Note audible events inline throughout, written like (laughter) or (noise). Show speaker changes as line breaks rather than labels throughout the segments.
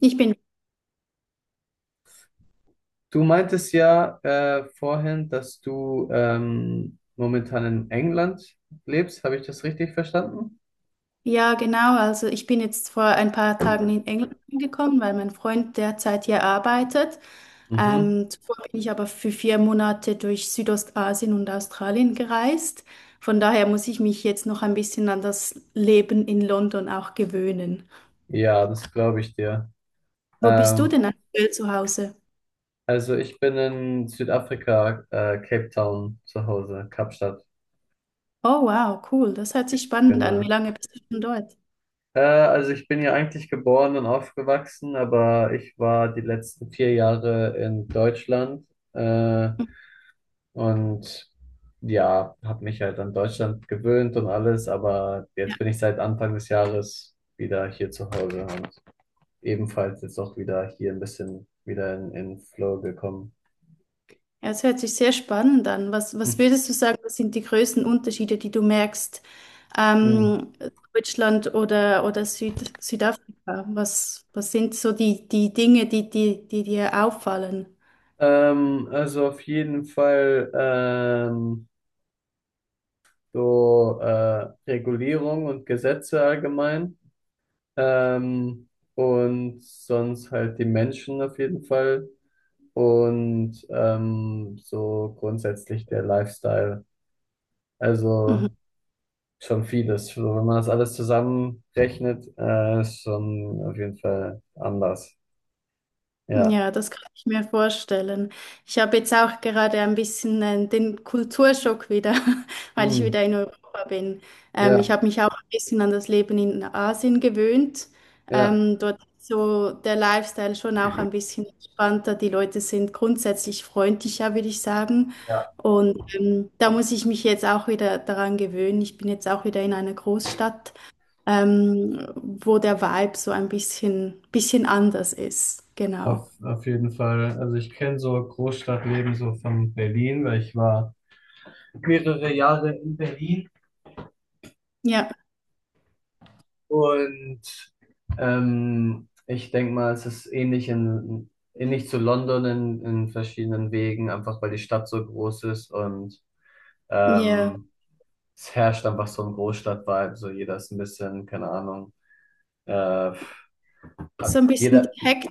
Ich bin,
Du meintest ja vorhin, dass du momentan in England lebst. Habe ich das richtig verstanden?
ja genau, also ich bin jetzt vor ein paar Tagen in England angekommen, weil mein Freund derzeit hier arbeitet.
Mhm.
Zuvor bin ich aber für 4 Monate durch Südostasien und Australien gereist. Von daher muss ich mich jetzt noch ein bisschen an das Leben in London auch gewöhnen.
Ja, das glaube ich dir.
Wo bist du
Ähm,
denn aktuell zu Hause?
also ich bin in Südafrika, Cape Town zu Hause, Kapstadt,
Oh wow, cool, das hört sich spannend an. Wie
genau.
lange bist du schon dort?
Also ich bin ja eigentlich geboren und aufgewachsen, aber ich war die letzten vier Jahre in Deutschland. Äh,
Ja.
Und ja, habe mich halt an Deutschland gewöhnt und alles, aber jetzt bin ich seit Anfang des Jahres wieder hier zu Hause und ebenfalls jetzt auch wieder hier ein bisschen wieder in Flow gekommen.
Ja, es hört sich sehr spannend an. Was
Hm.
würdest du sagen, was sind die größten Unterschiede, die du merkst,
Hm.
ähm, Deutschland oder Südafrika? Was sind so die Dinge, die dir auffallen?
Also auf jeden Fall so Regulierung und Gesetze allgemein, ähm, und sonst halt die Menschen auf jeden Fall. Und so grundsätzlich der Lifestyle.
Mhm.
Also schon vieles. So, wenn man das alles zusammenrechnet, ist schon auf jeden Fall anders. Ja.
Ja, das kann ich mir vorstellen. Ich habe jetzt auch gerade ein bisschen den Kulturschock wieder, (laughs) weil ich
Hm.
wieder in Europa bin. Ich
Ja,
habe mich auch ein bisschen an das Leben in Asien gewöhnt.
ja.
Dort ist so der Lifestyle schon auch ein bisschen entspannter. Die Leute sind grundsätzlich freundlicher, würde ich sagen.
Ja.
Und da muss ich mich jetzt auch wieder daran gewöhnen. Ich bin jetzt auch wieder in einer Großstadt, wo der Vibe so ein bisschen anders ist. Genau.
Auf jeden Fall. Also ich kenne so Großstadtleben so von Berlin, weil ich war mehrere Jahre in Berlin.
Ja,
Und ich denke mal, es ist ähnlich zu London in verschiedenen Wegen, einfach weil die Stadt so groß ist und
ja.
ähm, es herrscht einfach so ein Großstadt-Vibe. So jeder ist ein bisschen, keine Ahnung, äh,
So ein bisschen die
jeder,
Hektik,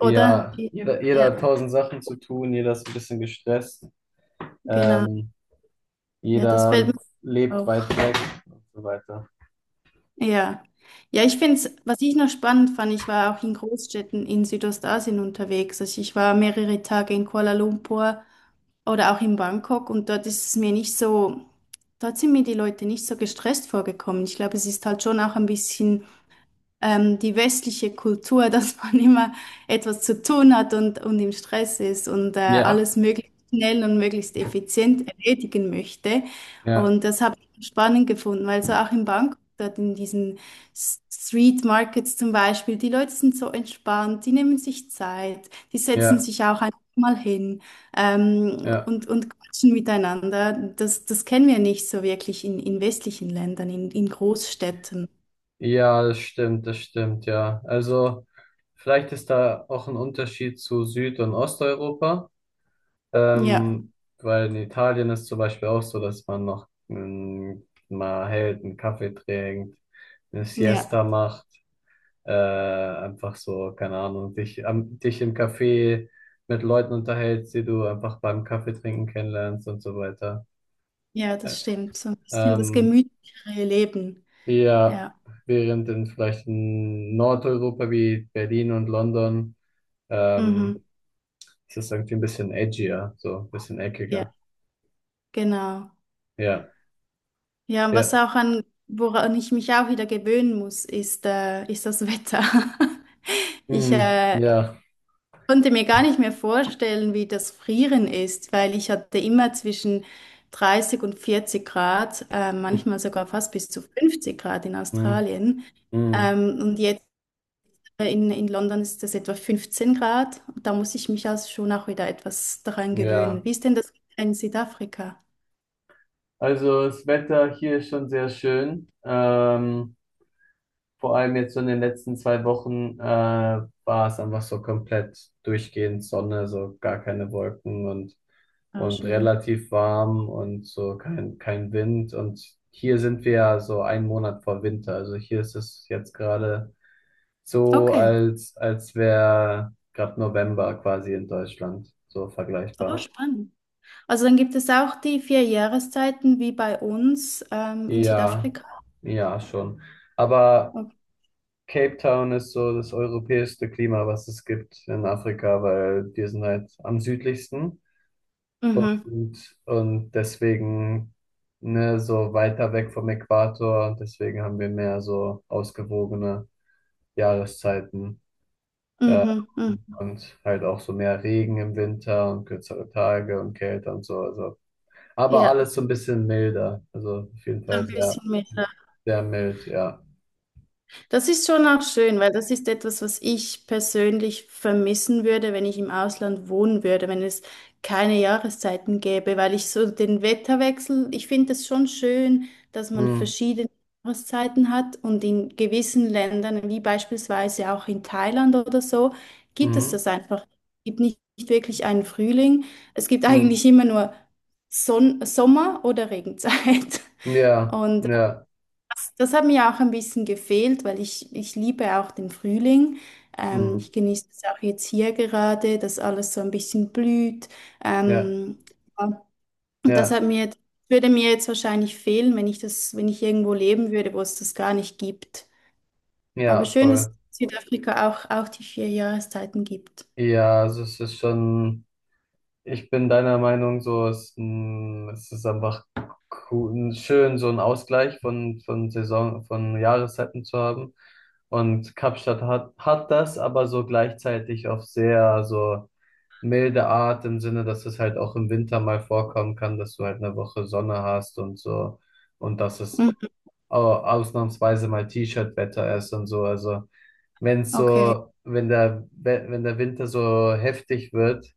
oder?
ja,
Die,
jeder
ja,
hat tausend Sachen zu tun, jeder ist ein bisschen gestresst,
genau.
ähm,
Ja, das fällt
jeder
mir
lebt weit
auf.
weg und so weiter.
Ja. Ja, ich finde es, was ich noch spannend fand, ich war auch in Großstädten in Südostasien unterwegs. Also ich war mehrere Tage in Kuala Lumpur oder auch in Bangkok, und dort ist es mir nicht so, dort sind mir die Leute nicht so gestresst vorgekommen. Ich glaube, es ist halt schon auch ein bisschen. Die westliche Kultur, (laughs) dass man immer etwas zu tun hat und im Stress ist und
Ja,
alles möglichst schnell und möglichst effizient erledigen möchte.
ja,
Und das habe ich spannend gefunden, weil so auch in Bangkok, dort in diesen Street Markets zum Beispiel, die Leute sind so entspannt, die nehmen sich Zeit, die setzen
ja,
sich auch einfach mal hin
ja.
und quatschen miteinander. Das kennen wir nicht so wirklich in westlichen Ländern, in Großstädten.
Ja, das stimmt, ja. Also vielleicht ist da auch ein Unterschied zu Süd- und Osteuropa,
Ja,
ähm, weil in Italien ist zum Beispiel auch so, dass man noch mal hält, einen Kaffee trinkt, eine
ja.
Siesta macht, einfach so, keine Ahnung, dich im Café mit Leuten unterhältst, die du einfach beim Kaffee trinken kennenlernst und so weiter.
Ja,
Äh,
das stimmt. So ein bisschen das
Ähm,
gemütlichere Leben.
Ja,
Ja.
während in vielleicht in Nordeuropa wie Berlin und London
Mhm.
ähm, ist es irgendwie ein bisschen edgier, so ein bisschen
Ja,
eckiger.
genau.
Ja,
Ja, und was
ja,
auch an, woran ich mich auch wieder gewöhnen muss, ist, ist das Wetter. (laughs) Ich
mm, ja.
konnte mir gar nicht mehr vorstellen, wie das Frieren ist, weil ich hatte immer zwischen 30 und 40 Grad, manchmal sogar fast bis zu 50 Grad in
Mm,
Australien.
mm,
Ähm, und jetzt in London ist es etwa 15 Grad. Da muss ich mich also schon auch wieder etwas daran gewöhnen.
ja.
Wie ist denn das in Südafrika?
Also das Wetter hier ist schon sehr schön. Vor allem jetzt so in den letzten zwei Wochen war es einfach so komplett durchgehend Sonne, so gar keine Wolken
Ah,
und
schön.
relativ warm und so kein Wind. Und hier sind wir ja so einen Monat vor Winter. Also hier ist es jetzt gerade so,
Okay,
als wäre gerade November quasi in Deutschland, so
oh,
vergleichbar.
spannend. Also dann gibt es auch die 4 Jahreszeiten wie bei uns in
Ja,
Südafrika.
ja, schon. Aber Cape Town ist so das europäischste Klima, was es gibt in Afrika, weil wir sind halt am südlichsten
Mhm,
und deswegen ne, so weiter weg vom Äquator und deswegen haben wir mehr so ausgewogene Jahreszeiten
mhm, mhm.
und halt auch so mehr Regen im Winter und kürzere Tage und Kälte und so. Also. Aber
Ja,
alles so ein bisschen milder, also auf jeden
so
Fall
ein bisschen mehr.
sehr mild, ja.
Das ist schon auch schön, weil das ist etwas, was ich persönlich vermissen würde, wenn ich im Ausland wohnen würde, wenn es keine Jahreszeiten gäbe, weil ich so den Wetterwechsel, ich finde es schon schön, dass man
Mhm.
verschiedene Jahreszeiten hat, und in gewissen Ländern, wie beispielsweise auch in Thailand oder so, gibt es
Mhm.
das einfach. Es gibt nicht wirklich einen Frühling. Es gibt
Mm.
eigentlich immer nur Son Sommer oder Regenzeit. (laughs)
Ja,
Und
ja.
das hat mir auch ein bisschen gefehlt, weil ich liebe auch den Frühling.
Mhm.
Ich genieße es auch jetzt hier gerade, dass alles so ein bisschen blüht.
Ja,
Ähm, ja, und das hat
ja.
mir, würde mir jetzt wahrscheinlich fehlen, wenn ich das, wenn ich irgendwo leben würde, wo es das gar nicht gibt. Aber
Ja,
schön, dass es
voll.
in Südafrika auch die 4 Jahreszeiten gibt.
Ja, also es ist schon, ich bin deiner Meinung so, es, mm, es ist einfach cool, schön, so einen Ausgleich von Saison, von Jahreszeiten zu haben. Und Kapstadt hat das, aber so gleichzeitig auf sehr so milde Art im Sinne, dass es halt auch im Winter mal vorkommen kann, dass du halt eine Woche Sonne hast und so. Und das ist
Mhm,
ausnahmsweise mal T-Shirt-Wetter ist und so. Also wenn
Okay,
so, wenn der Winter so heftig wird,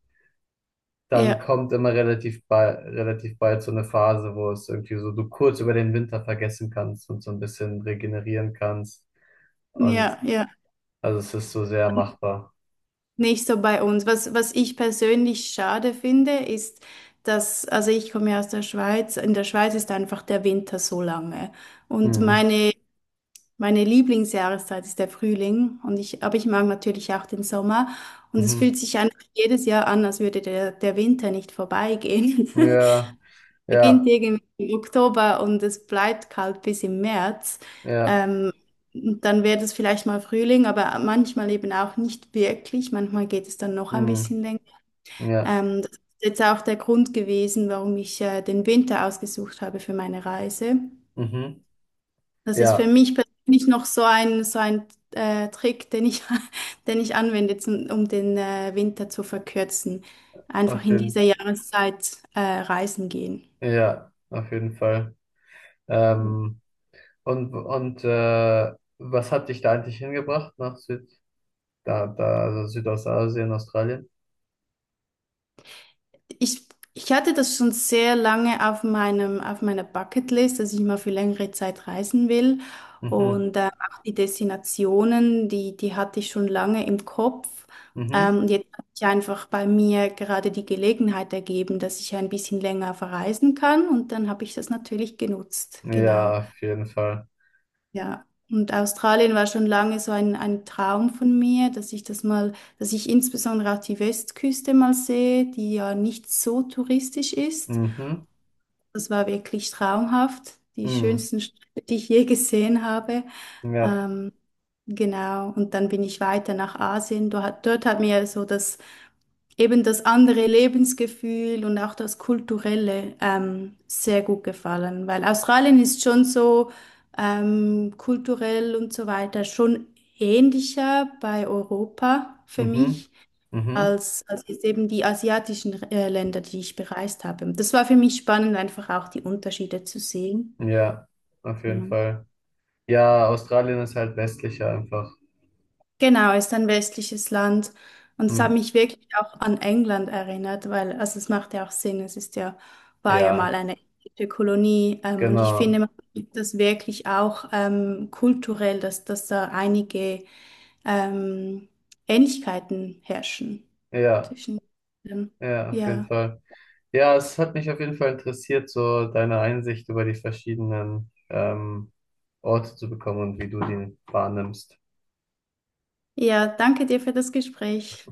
dann
ja,
kommt immer relativ bald so eine Phase, wo es irgendwie so du kurz über den Winter vergessen kannst und so ein bisschen regenerieren kannst. Und
ja, ja.
also es ist so sehr machbar.
Nicht so bei uns. Was ich persönlich schade finde, ist, dass, also ich komme ja aus der Schweiz, in der Schweiz ist einfach der Winter so lange. Und
Mhm.
meine Lieblingsjahreszeit ist der Frühling. Und ich, aber ich mag natürlich auch den Sommer. Und es
Mhm.
fühlt sich einfach jedes Jahr an, als würde der Winter nicht vorbeigehen. (laughs)
Ja,
Beginnt
ja,
irgendwie im Oktober und es bleibt kalt bis im März.
ja,
Ähm, und dann wird es vielleicht mal Frühling, aber manchmal eben auch nicht wirklich. Manchmal geht es dann noch ein
mhm.
bisschen länger.
Ja,
Das ist jetzt auch der Grund gewesen, warum ich den Winter ausgesucht habe für meine Reise.
mhm.
Das ist für
Ja,
mich persönlich noch so ein Trick, (laughs) den ich anwende, zum, um den Winter zu verkürzen. Einfach
auf
in dieser
jeden,
Jahreszeit reisen gehen.
ja, auf jeden Fall. Ähm, Und, und äh, was hat dich da eigentlich hingebracht nach also Südostasien, Australien?
Ich, Ich hatte das schon sehr lange auf meinem, auf meiner Bucketlist, dass ich mal für längere Zeit reisen will.
Mhm.
Und auch die Destinationen, die hatte ich schon lange im Kopf.
Mhm.
Und jetzt hat sich einfach bei mir gerade die Gelegenheit ergeben, dass ich ein bisschen länger verreisen kann. Und dann habe ich das natürlich genutzt. Genau.
Ja, auf jeden Fall.
Ja, und Australien war schon lange so ein Traum von mir, dass ich das mal, dass ich insbesondere auch die Westküste mal sehe, die ja nicht so touristisch ist.
Mhm.
Das war wirklich traumhaft, die
Mhm.
schönsten Städte, die ich je gesehen habe.
Ja.
Ähm, genau, und dann bin ich weiter nach Asien. Dort hat mir so das eben das andere Lebensgefühl und auch das Kulturelle sehr gut gefallen, weil Australien ist schon so kulturell und so weiter schon ähnlicher bei Europa für
Mhm.
mich
Mhm.
als jetzt eben die asiatischen Länder, die ich bereist habe. Das war für mich spannend, einfach auch die Unterschiede zu sehen.
Ja, auf
Ja.
jeden Fall. Ja, Australien ist halt westlicher einfach.
Genau, ist ein westliches Land. Und es hat
Mhm.
mich wirklich auch an England erinnert, weil, also es macht ja auch Sinn, es ist ja, war ja mal
Ja,
eine englische Kolonie. Und ich finde,
genau.
man sieht das wirklich auch kulturell, dass da einige ähm, Ähnlichkeiten herrschen
Ja,
zwischen, ähm,
ja, auf jeden
ja.
Fall. Ja, es hat mich auf jeden Fall interessiert, so deine Einsicht über die verschiedenen Orte zu bekommen und wie du die wahrnimmst.
Ja, danke dir für das Gespräch.